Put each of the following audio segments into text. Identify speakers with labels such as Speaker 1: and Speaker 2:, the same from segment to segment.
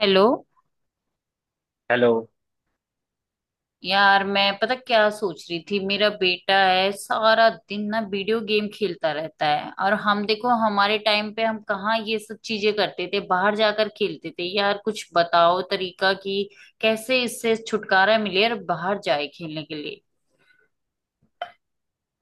Speaker 1: Hello.
Speaker 2: Hello.
Speaker 1: यार, मैं पता क्या सोच रही थी, मेरा बेटा है सारा दिन ना वीडियो गेम खेलता रहता है। और हम देखो, हमारे टाइम पे हम कहाँ ये सब चीजें करते थे, बाहर जाकर खेलते थे। यार कुछ बताओ तरीका कि कैसे इससे छुटकारा मिले और बाहर जाए खेलने के लिए,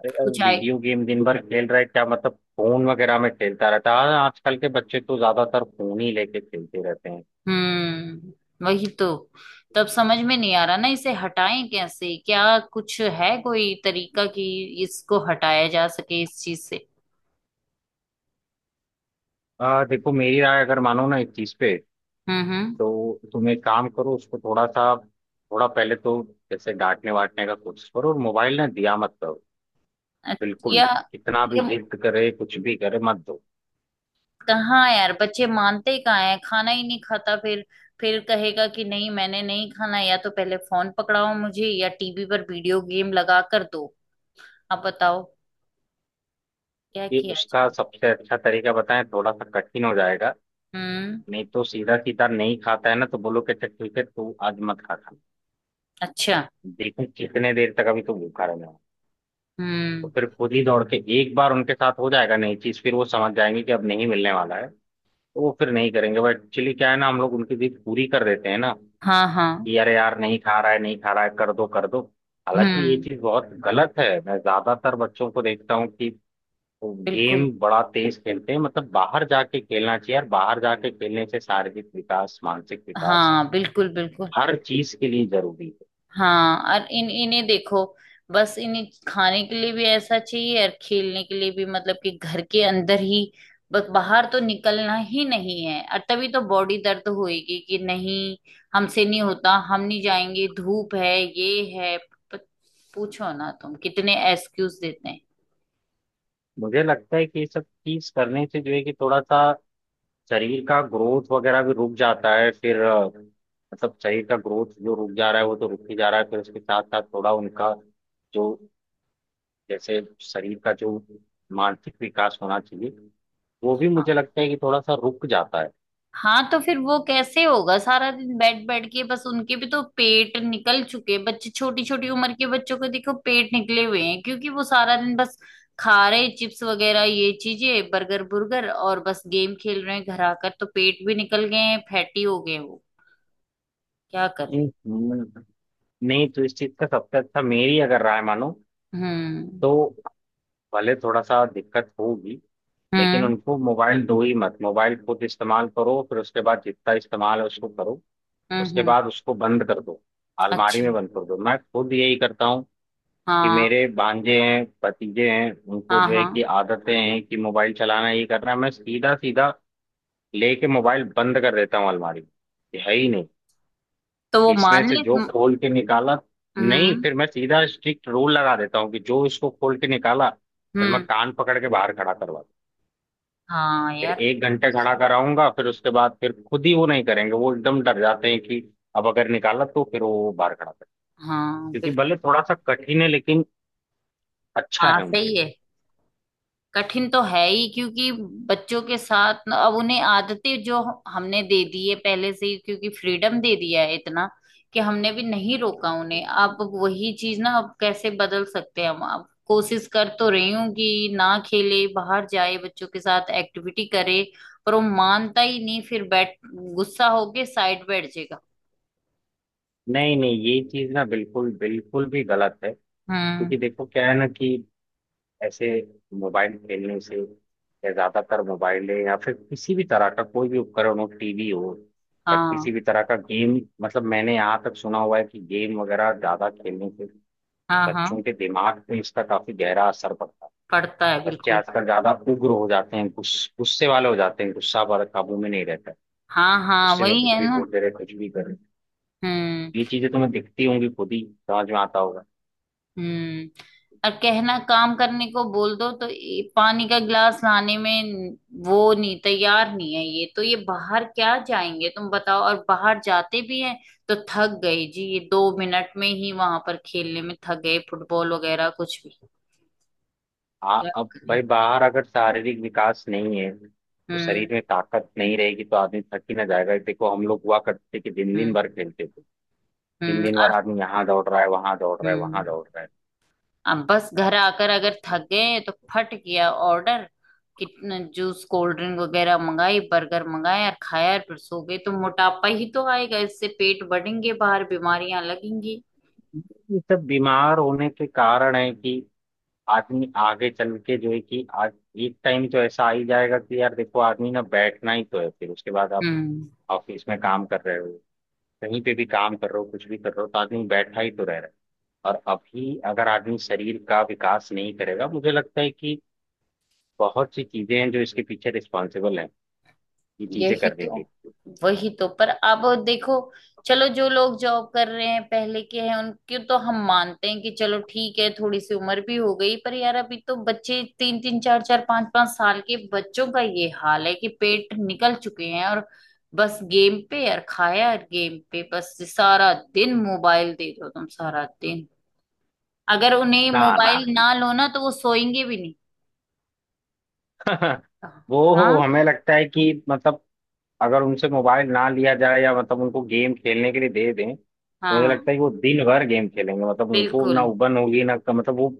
Speaker 2: अरे यार,
Speaker 1: कुछ आए।
Speaker 2: वीडियो गेम दिन भर खेल रहा है? क्या मतलब फोन वगैरह में खेलता रहता है? हाँ, आजकल के बच्चे तो ज्यादातर फोन ही लेके खेलते रहते हैं।
Speaker 1: हम्म, वही तो। तब समझ में नहीं आ रहा ना, इसे हटाएं कैसे? क्या कुछ है कोई तरीका कि इसको हटाया जा सके इस चीज से?
Speaker 2: देखो, मेरी राय अगर मानो ना इस चीज पे,
Speaker 1: हम्म। हम्म।
Speaker 2: तो तुम एक काम करो। उसको थोड़ा सा, थोड़ा पहले तो जैसे डांटने वाटने का कोशिश करो, और मोबाइल ना दिया मत करो।
Speaker 1: अच्छा,
Speaker 2: बिल्कुल,
Speaker 1: या?
Speaker 2: कितना भी
Speaker 1: ये
Speaker 2: जिद करे कुछ भी करे मत दो।
Speaker 1: कहाँ यार, बच्चे मानते ही कहाँ हैं। खाना ही नहीं खाता फिर। फिर कहेगा कि नहीं, मैंने नहीं खाना, या तो पहले फोन पकड़ाओ मुझे या टीवी पर वीडियो गेम लगा कर दो। अब बताओ क्या
Speaker 2: ये
Speaker 1: किया
Speaker 2: उसका
Speaker 1: जाए।
Speaker 2: सबसे अच्छा तरीका बताएं, थोड़ा सा कठिन हो जाएगा,
Speaker 1: हम्म।
Speaker 2: नहीं तो। सीधा सीधा नहीं खाता है ना, तो बोलो कि अच्छा, ठीक है, तू आज मत खा।
Speaker 1: अच्छा।
Speaker 2: देखो कितने देर तक, अभी तो भूखा रहना है। तो
Speaker 1: हम्म।
Speaker 2: फिर खुद ही दौड़ के एक बार उनके साथ हो जाएगा नई चीज। फिर वो समझ जाएंगे कि अब नहीं मिलने वाला है, तो वो फिर नहीं करेंगे। बट एक्चुअली क्या है ना, हम लोग उनकी जिद पूरी कर देते हैं ना,
Speaker 1: हाँ हाँ।
Speaker 2: कि अरे यार नहीं खा रहा है नहीं खा रहा है, कर दो कर दो। हालांकि ये
Speaker 1: हम्म।
Speaker 2: चीज बहुत गलत है। मैं ज्यादातर बच्चों को देखता हूँ कि वो गेम
Speaker 1: बिल्कुल।
Speaker 2: बड़ा तेज खेलते हैं। मतलब बाहर जाके खेलना चाहिए यार, बाहर जाके खेलने से शारीरिक विकास, मानसिक विकास,
Speaker 1: हाँ बिल्कुल बिल्कुल।
Speaker 2: हर चीज के लिए जरूरी है।
Speaker 1: हाँ और इन इन्हें देखो, बस इन्हें खाने के लिए भी ऐसा चाहिए और खेलने के लिए भी, मतलब कि घर के अंदर ही बस, बाहर तो निकलना ही नहीं है। और तभी तो बॉडी दर्द होएगी कि नहीं। हमसे नहीं होता, हम नहीं जाएंगे, धूप है, ये है, पूछो ना तुम, कितने एक्सक्यूज देते हैं।
Speaker 2: मुझे लगता है कि ये सब चीज करने से जो है कि थोड़ा सा शरीर का ग्रोथ वगैरह भी रुक जाता है। फिर मतलब शरीर का ग्रोथ जो रुक जा रहा है, वो तो रुक ही जा रहा है। फिर उसके साथ साथ थोड़ा उनका जो, जैसे शरीर का जो, मानसिक विकास होना चाहिए, वो भी
Speaker 1: हाँ।
Speaker 2: मुझे लगता है कि थोड़ा सा रुक जाता है।
Speaker 1: हाँ तो फिर वो कैसे होगा? सारा दिन बैठ बैठ के बस, उनके भी तो पेट निकल चुके। बच्चे छोटी छोटी उम्र के बच्चों को देखो, पेट निकले हुए हैं क्योंकि वो सारा दिन बस खा रहे चिप्स वगैरह, ये चीजें, बर्गर बुर्गर, और बस गेम खेल रहे हैं घर आकर। तो पेट भी निकल गए हैं, फैटी हो गए हैं वो। क्या करें।
Speaker 2: हम्म, नहीं तो इस चीज का सबसे अच्छा, मेरी अगर राय मानो
Speaker 1: हम्म।
Speaker 2: तो, भले थोड़ा सा दिक्कत होगी, लेकिन
Speaker 1: हम्म।
Speaker 2: उनको मोबाइल दो ही मत। मोबाइल खुद इस्तेमाल करो, फिर उसके बाद जितना इस्तेमाल है उसको करो,
Speaker 1: हम्म।
Speaker 2: उसके बाद उसको बंद कर दो। अलमारी
Speaker 1: अच्छा।
Speaker 2: में बंद कर दो, मैं खुद यही करता हूँ कि
Speaker 1: हाँ।
Speaker 2: मेरे भांजे हैं, भतीजे हैं, उनको
Speaker 1: हाँ
Speaker 2: जो है कि
Speaker 1: हाँ।
Speaker 2: आदतें हैं कि मोबाइल चलाना ये करना है, मैं सीधा सीधा लेके मोबाइल बंद कर देता हूँ अलमारी में, कि है ही नहीं।
Speaker 1: तो वो
Speaker 2: इसमें
Speaker 1: मान
Speaker 2: से
Speaker 1: ले।
Speaker 2: जो
Speaker 1: हम्म।
Speaker 2: खोल के निकाला, नहीं,
Speaker 1: हम्म।
Speaker 2: फिर मैं सीधा स्ट्रिक्ट रूल लगा देता हूँ कि जो इसको खोल के निकाला, फिर मैं
Speaker 1: हम्म,
Speaker 2: कान पकड़ के बाहर खड़ा करवा दूं।
Speaker 1: हाँ
Speaker 2: फिर
Speaker 1: यार।
Speaker 2: एक घंटे खड़ा कराऊंगा। फिर उसके बाद फिर खुद ही वो नहीं करेंगे। वो एकदम डर जाते हैं कि अब अगर निकाला तो फिर वो बाहर खड़ा करेंगे।
Speaker 1: हाँ
Speaker 2: क्योंकि
Speaker 1: बिल्कुल।
Speaker 2: भले थोड़ा सा कठिन है, लेकिन अच्छा
Speaker 1: हाँ
Speaker 2: है
Speaker 1: सही
Speaker 2: उनके
Speaker 1: है। कठिन तो है ही क्योंकि बच्चों के साथ अब उन्हें आदतें जो हमने दे दी
Speaker 2: लिए।
Speaker 1: है पहले से ही, क्योंकि फ्रीडम दे दिया है इतना कि हमने भी नहीं रोका उन्हें। अब वही चीज ना, अब कैसे बदल सकते हैं हम? अब कोशिश कर तो रही हूँ कि ना खेले, बाहर जाए, बच्चों के साथ एक्टिविटी करे, पर वो मानता ही नहीं। फिर बैठ, गुस्सा होके साइड बैठ जाएगा।
Speaker 2: नहीं नहीं, ये चीज ना बिल्कुल बिल्कुल भी गलत है।
Speaker 1: हम्म।
Speaker 2: क्योंकि देखो क्या है ना कि ऐसे मोबाइल खेलने से, या ज्यादातर मोबाइल है या फिर किसी भी तरह का कोई भी उपकरण हो, टीवी हो या
Speaker 1: हाँ
Speaker 2: किसी भी तरह का गेम, मतलब मैंने यहाँ तक सुना हुआ है कि गेम वगैरह ज्यादा खेलने से
Speaker 1: हाँ। हाँ,
Speaker 2: बच्चों के दिमाग पे इसका काफी गहरा असर पड़ता है।
Speaker 1: पढ़ता है
Speaker 2: बच्चे
Speaker 1: बिल्कुल।
Speaker 2: आजकल ज्यादा उग्र हो जाते हैं, गुस्से वाले हो जाते हैं, गुस्सा पर काबू में नहीं रहता।
Speaker 1: हाँ हाँ,
Speaker 2: उससे मैं
Speaker 1: वही
Speaker 2: कुछ
Speaker 1: है
Speaker 2: भी
Speaker 1: ना।
Speaker 2: बोलते रहे कुछ भी करे, ये
Speaker 1: हम्म।
Speaker 2: चीजें तुम्हें दिखती होंगी खुद ही, समझ में आता होगा।
Speaker 1: हम्म। और कहना, काम करने को बोल दो तो ये पानी का गिलास लाने में वो नहीं, तैयार नहीं है। ये तो, ये बाहर क्या जाएंगे तुम बताओ। और बाहर जाते भी हैं तो थक गए जी, ये 2 मिनट में ही वहां पर खेलने में थक गए, फुटबॉल वगैरह कुछ भी। क्या
Speaker 2: अब
Speaker 1: करें।
Speaker 2: भाई बाहर अगर शारीरिक विकास नहीं है तो
Speaker 1: हम्म।
Speaker 2: शरीर में ताकत नहीं रहेगी, तो आदमी थक ही ना जाएगा। देखो हम लोग हुआ करते थे कि दिन दिन
Speaker 1: हम्म।
Speaker 2: भर खेलते थे। दिन
Speaker 1: हम्म,
Speaker 2: दिन भर
Speaker 1: और।
Speaker 2: आदमी यहाँ दौड़ रहा है, वहां दौड़ रहा है, वहां
Speaker 1: हम्म,
Speaker 2: दौड़ रहा है।
Speaker 1: अब बस घर आकर अगर थक गए तो फट किया ऑर्डर। कितना जूस कोल्ड ड्रिंक वगैरह मंगाई, बर्गर मंगाया और खाया और फिर सो गए। तो मोटापा ही तो आएगा इससे, पेट बढ़ेंगे बाहर, बीमारियां लगेंगी।
Speaker 2: ये सब बीमार होने के कारण है कि आदमी आगे चल के जो है कि, आज एक टाइम तो ऐसा आ ही जाएगा कि यार देखो, आदमी ना बैठना ही तो है। फिर उसके बाद आप
Speaker 1: हम्म,
Speaker 2: ऑफिस में काम कर रहे हो, कहीं पे भी काम कर रहे हो, कुछ भी कर रहे हो, तो आदमी बैठा ही तो रह रहा है। और अभी अगर आदमी शरीर का विकास नहीं करेगा, मुझे लगता है कि बहुत सी चीजें हैं जो इसके पीछे रिस्पॉन्सिबल हैं, ये चीजें
Speaker 1: यही
Speaker 2: करने
Speaker 1: तो।
Speaker 2: के।
Speaker 1: वही तो। पर अब देखो, चलो, जो लोग जॉब कर रहे हैं पहले के हैं, उनके तो हम मानते हैं कि चलो ठीक है, थोड़ी सी उम्र भी हो गई। पर यार अभी तो बच्चे, तीन तीन चार चार पांच पांच साल के बच्चों का ये हाल है कि पेट निकल चुके हैं। और बस गेम पे यार, खाया यार गेम पे, बस सारा दिन। मोबाइल दे दो तुम सारा दिन, अगर उन्हें
Speaker 2: ना ना।
Speaker 1: मोबाइल ना लो ना तो वो सोएंगे भी नहीं।
Speaker 2: वो
Speaker 1: हाँ।
Speaker 2: हमें लगता है कि मतलब अगर उनसे मोबाइल ना लिया जाए, या मतलब उनको गेम खेलने के लिए दे दें, तो मुझे
Speaker 1: हाँ
Speaker 2: लगता है कि वो दिन भर गेम खेलेंगे। मतलब उनको ना
Speaker 1: बिल्कुल।
Speaker 2: उबन होगी ना, मतलब वो,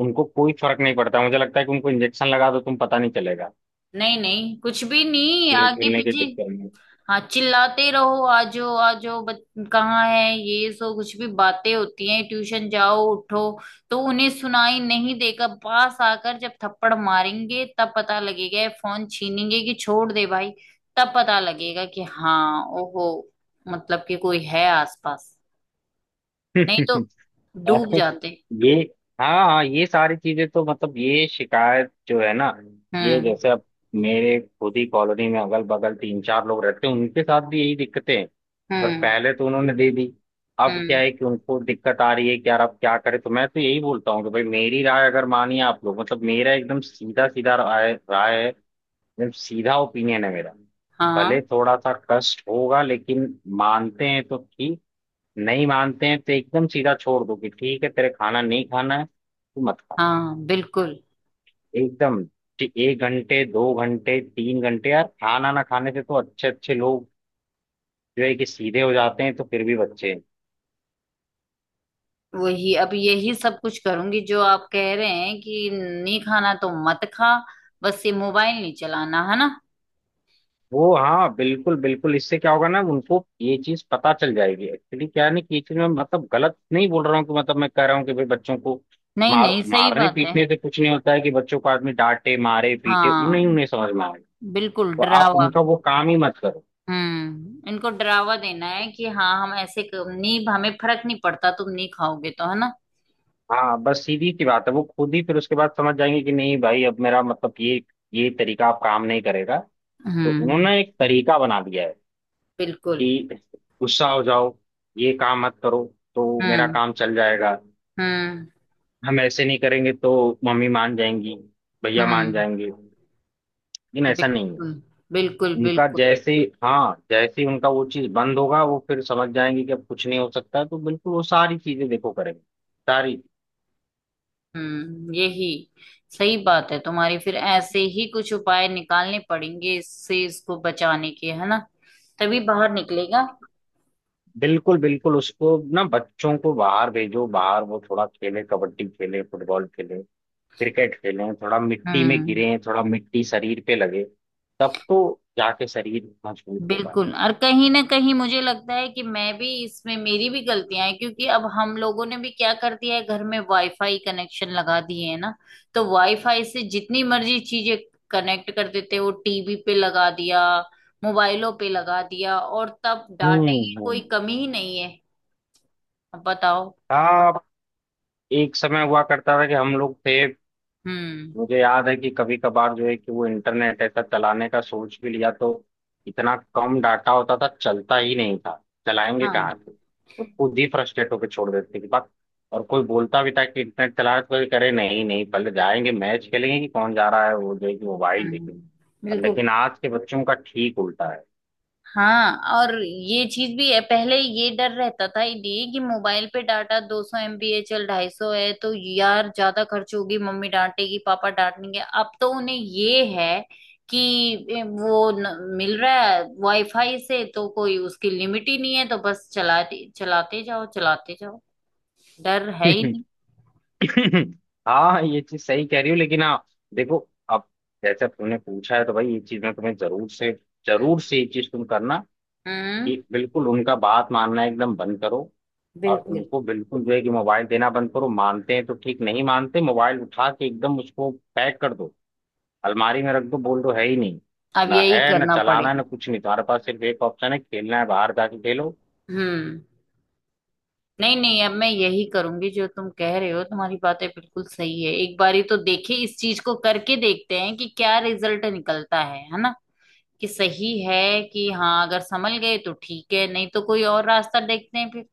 Speaker 2: उनको कोई फर्क नहीं पड़ता। मुझे लगता है कि उनको इंजेक्शन लगा दो तुम, पता नहीं चलेगा,
Speaker 1: नहीं नहीं, कुछ भी नहीं
Speaker 2: गेम
Speaker 1: आगे
Speaker 2: खेलने के
Speaker 1: पीछे।
Speaker 2: चक्कर
Speaker 1: हाँ, चिल्लाते रहो, आ जाओ आ जाओ, बच कहाँ है ये, सो कुछ भी बातें होती हैं। ट्यूशन जाओ, उठो, तो उन्हें सुनाई नहीं देगा। पास आकर जब थप्पड़ मारेंगे तब पता लगेगा, ये फोन छीनेंगे कि छोड़ दे भाई, तब पता लगेगा कि हाँ, ओहो, मतलब कि कोई है आसपास।
Speaker 2: में।
Speaker 1: नहीं तो डूब
Speaker 2: अरे,
Speaker 1: जाते।
Speaker 2: ये, हाँ हाँ, ये सारी चीजें तो मतलब ये शिकायत जो है ना, ये
Speaker 1: हम्म।
Speaker 2: जैसे अब मेरे खुद ही कॉलोनी में अगल बगल तीन चार लोग रहते हैं, उनके साथ भी यही दिक्कतें हैं। पर
Speaker 1: हम्म।
Speaker 2: पहले तो उन्होंने दे दी, अब क्या
Speaker 1: हम्म।
Speaker 2: है कि उनको दिक्कत आ रही है कि यार अब क्या करें। तो मैं तो यही बोलता हूँ कि भाई मेरी राय अगर मानिए आप लोग, मतलब मेरा एकदम सीधा सीधा राय राय है, एकदम सीधा ओपिनियन है मेरा। भले
Speaker 1: हाँ
Speaker 2: थोड़ा सा कष्ट होगा, लेकिन मानते हैं तो ठीक, नहीं मानते हैं तो एकदम सीधा छोड़ दो कि ठीक है, तेरे खाना नहीं खाना है तो मत खा।
Speaker 1: हाँ बिल्कुल।
Speaker 2: एकदम, कि एक घंटे, दो घंटे, तीन घंटे यार खाना ना खाने से तो अच्छे अच्छे लोग जो है कि सीधे हो जाते हैं, तो फिर भी बच्चे हैं।
Speaker 1: वही, अब यही सब कुछ करूंगी जो आप कह रहे हैं कि नहीं खाना तो मत खा, बस ये मोबाइल नहीं चलाना है ना।
Speaker 2: वो हाँ, बिल्कुल बिल्कुल, इससे क्या होगा ना, उनको ये चीज पता चल जाएगी। एक्चुअली क्या है ना कि ये चीज मैं मतलब गलत नहीं बोल रहा हूँ, कि मतलब मैं कह रहा हूँ कि भाई बच्चों को
Speaker 1: नहीं
Speaker 2: मार
Speaker 1: नहीं, सही
Speaker 2: मारने
Speaker 1: बात है।
Speaker 2: पीटने से कुछ नहीं होता है, कि बच्चों को आदमी डांटे मारे पीटे उन्हें, उन्हें
Speaker 1: हाँ,
Speaker 2: समझ में आए,
Speaker 1: बिल्कुल
Speaker 2: तो आप
Speaker 1: डरावा।
Speaker 2: उनका वो काम ही मत करो।
Speaker 1: हम्म, इनको डरावा देना है कि हाँ, हम ऐसे नहीं, हमें फर्क नहीं पड़ता, तुम नहीं खाओगे तो, है ना।
Speaker 2: हाँ, बस सीधी सी बात है, वो खुद ही फिर उसके बाद समझ जाएंगे कि नहीं भाई, अब मेरा मतलब ये तरीका अब काम नहीं करेगा। तो
Speaker 1: हम्म।
Speaker 2: उन्होंने एक तरीका बना दिया है
Speaker 1: बिल्कुल।
Speaker 2: कि गुस्सा हो जाओ, ये काम मत करो, तो मेरा
Speaker 1: हम्म।
Speaker 2: काम चल जाएगा।
Speaker 1: हम्म।
Speaker 2: हम ऐसे नहीं करेंगे तो मम्मी मान जाएंगी, भैया मान
Speaker 1: हम्म।
Speaker 2: जाएंगे। लेकिन ऐसा नहीं है।
Speaker 1: बिल्कुल बिल्कुल
Speaker 2: उनका
Speaker 1: बिल्कुल।
Speaker 2: जैसे, हाँ, जैसे ही उनका वो चीज बंद होगा, वो फिर समझ जाएंगे कि अब कुछ नहीं हो सकता, तो बिल्कुल वो सारी चीजें देखो करेंगे, सारी।
Speaker 1: हम्म, यही सही बात है तुम्हारी। फिर ऐसे ही कुछ उपाय निकालने पड़ेंगे इससे, इसको बचाने के, है ना। तभी बाहर निकलेगा।
Speaker 2: बिल्कुल बिल्कुल, उसको ना बच्चों को बाहर भेजो, बाहर वो थोड़ा खेले, कबड्डी खेले, फुटबॉल खेले, क्रिकेट खेलें, थोड़ा मिट्टी में
Speaker 1: हम्म।
Speaker 2: गिरें, थोड़ा मिट्टी शरीर पे लगे, तब तो जाके शरीर मजबूत होगा।
Speaker 1: बिल्कुल, और कहीं ना कहीं मुझे लगता है कि मैं भी इसमें, मेरी भी गलतियां हैं, क्योंकि अब हम लोगों ने भी क्या कर दिया है, घर में वाईफाई कनेक्शन लगा दिए, है ना। तो वाईफाई से जितनी मर्जी चीजें कनेक्ट कर देते हैं, वो टीवी पे लगा दिया, मोबाइलों पे लगा दिया, और तब
Speaker 2: हम्म
Speaker 1: डाटे की कोई
Speaker 2: हम्म।
Speaker 1: कमी ही नहीं है। अब बताओ।
Speaker 2: हाँ, एक समय हुआ करता था कि हम लोग थे,
Speaker 1: हम्म।
Speaker 2: मुझे याद है कि कभी कभार जो है कि वो इंटरनेट ऐसा चलाने का सोच भी लिया तो इतना कम डाटा होता था, चलता ही नहीं था, चलाएंगे कहाँ
Speaker 1: हाँ।
Speaker 2: से। तो खुद ही फ्रस्ट्रेट होकर छोड़ देते थे बात, और कोई बोलता भी था कि इंटरनेट चला रहा है, तो कोई करे नहीं, नहीं पहले जाएंगे मैच खेलेंगे, कि कौन जा रहा है वो जो है कि मोबाइल देखने।
Speaker 1: हम्म,
Speaker 2: और
Speaker 1: बिल्कुल।
Speaker 2: लेकिन आज के बच्चों का ठीक उल्टा है।
Speaker 1: हाँ, और ये चीज भी है, पहले ये डर रहता था ये कि मोबाइल पे डाटा 200 MB है, चल 250 है तो यार ज्यादा खर्च होगी, मम्मी डांटेगी, पापा डांटेंगे। अब तो उन्हें ये है कि ए, वो न, मिल रहा है वाईफाई से, तो कोई उसकी लिमिट ही नहीं है। तो बस चलाते चलाते जाओ, चलाते जाओ, डर है ही नहीं।
Speaker 2: हाँ, ये चीज सही कह रही हो, लेकिन हाँ देखो, अब जैसे अब तुमने पूछा है तो भाई ये चीज मैं तुम्हें जरूर से, जरूर से ये चीज तुम करना
Speaker 1: हम्म।
Speaker 2: कि बिल्कुल उनका बात मानना एकदम बंद करो, और
Speaker 1: बिल्कुल,
Speaker 2: उनको बिल्कुल जो है कि मोबाइल देना बंद करो। मानते हैं तो ठीक, नहीं मानते मोबाइल उठा के एकदम उसको पैक कर दो, अलमारी में रख दो, बोल दो है ही नहीं।
Speaker 1: अब
Speaker 2: ना
Speaker 1: यही
Speaker 2: है ना
Speaker 1: करना
Speaker 2: चलाना है
Speaker 1: पड़ेगा।
Speaker 2: ना कुछ नहीं, तुम्हारे पास सिर्फ एक ऑप्शन है, खेलना है बाहर जाके खेलो।
Speaker 1: हम्म, नहीं नहीं, अब मैं यही करूंगी जो तुम कह रहे हो। तुम्हारी बातें बिल्कुल सही है। एक बारी तो देखे, इस चीज को करके देखते हैं कि क्या रिजल्ट निकलता है ना। कि सही है, कि हाँ, अगर संभल गए तो ठीक है, नहीं तो कोई और रास्ता देखते हैं फिर।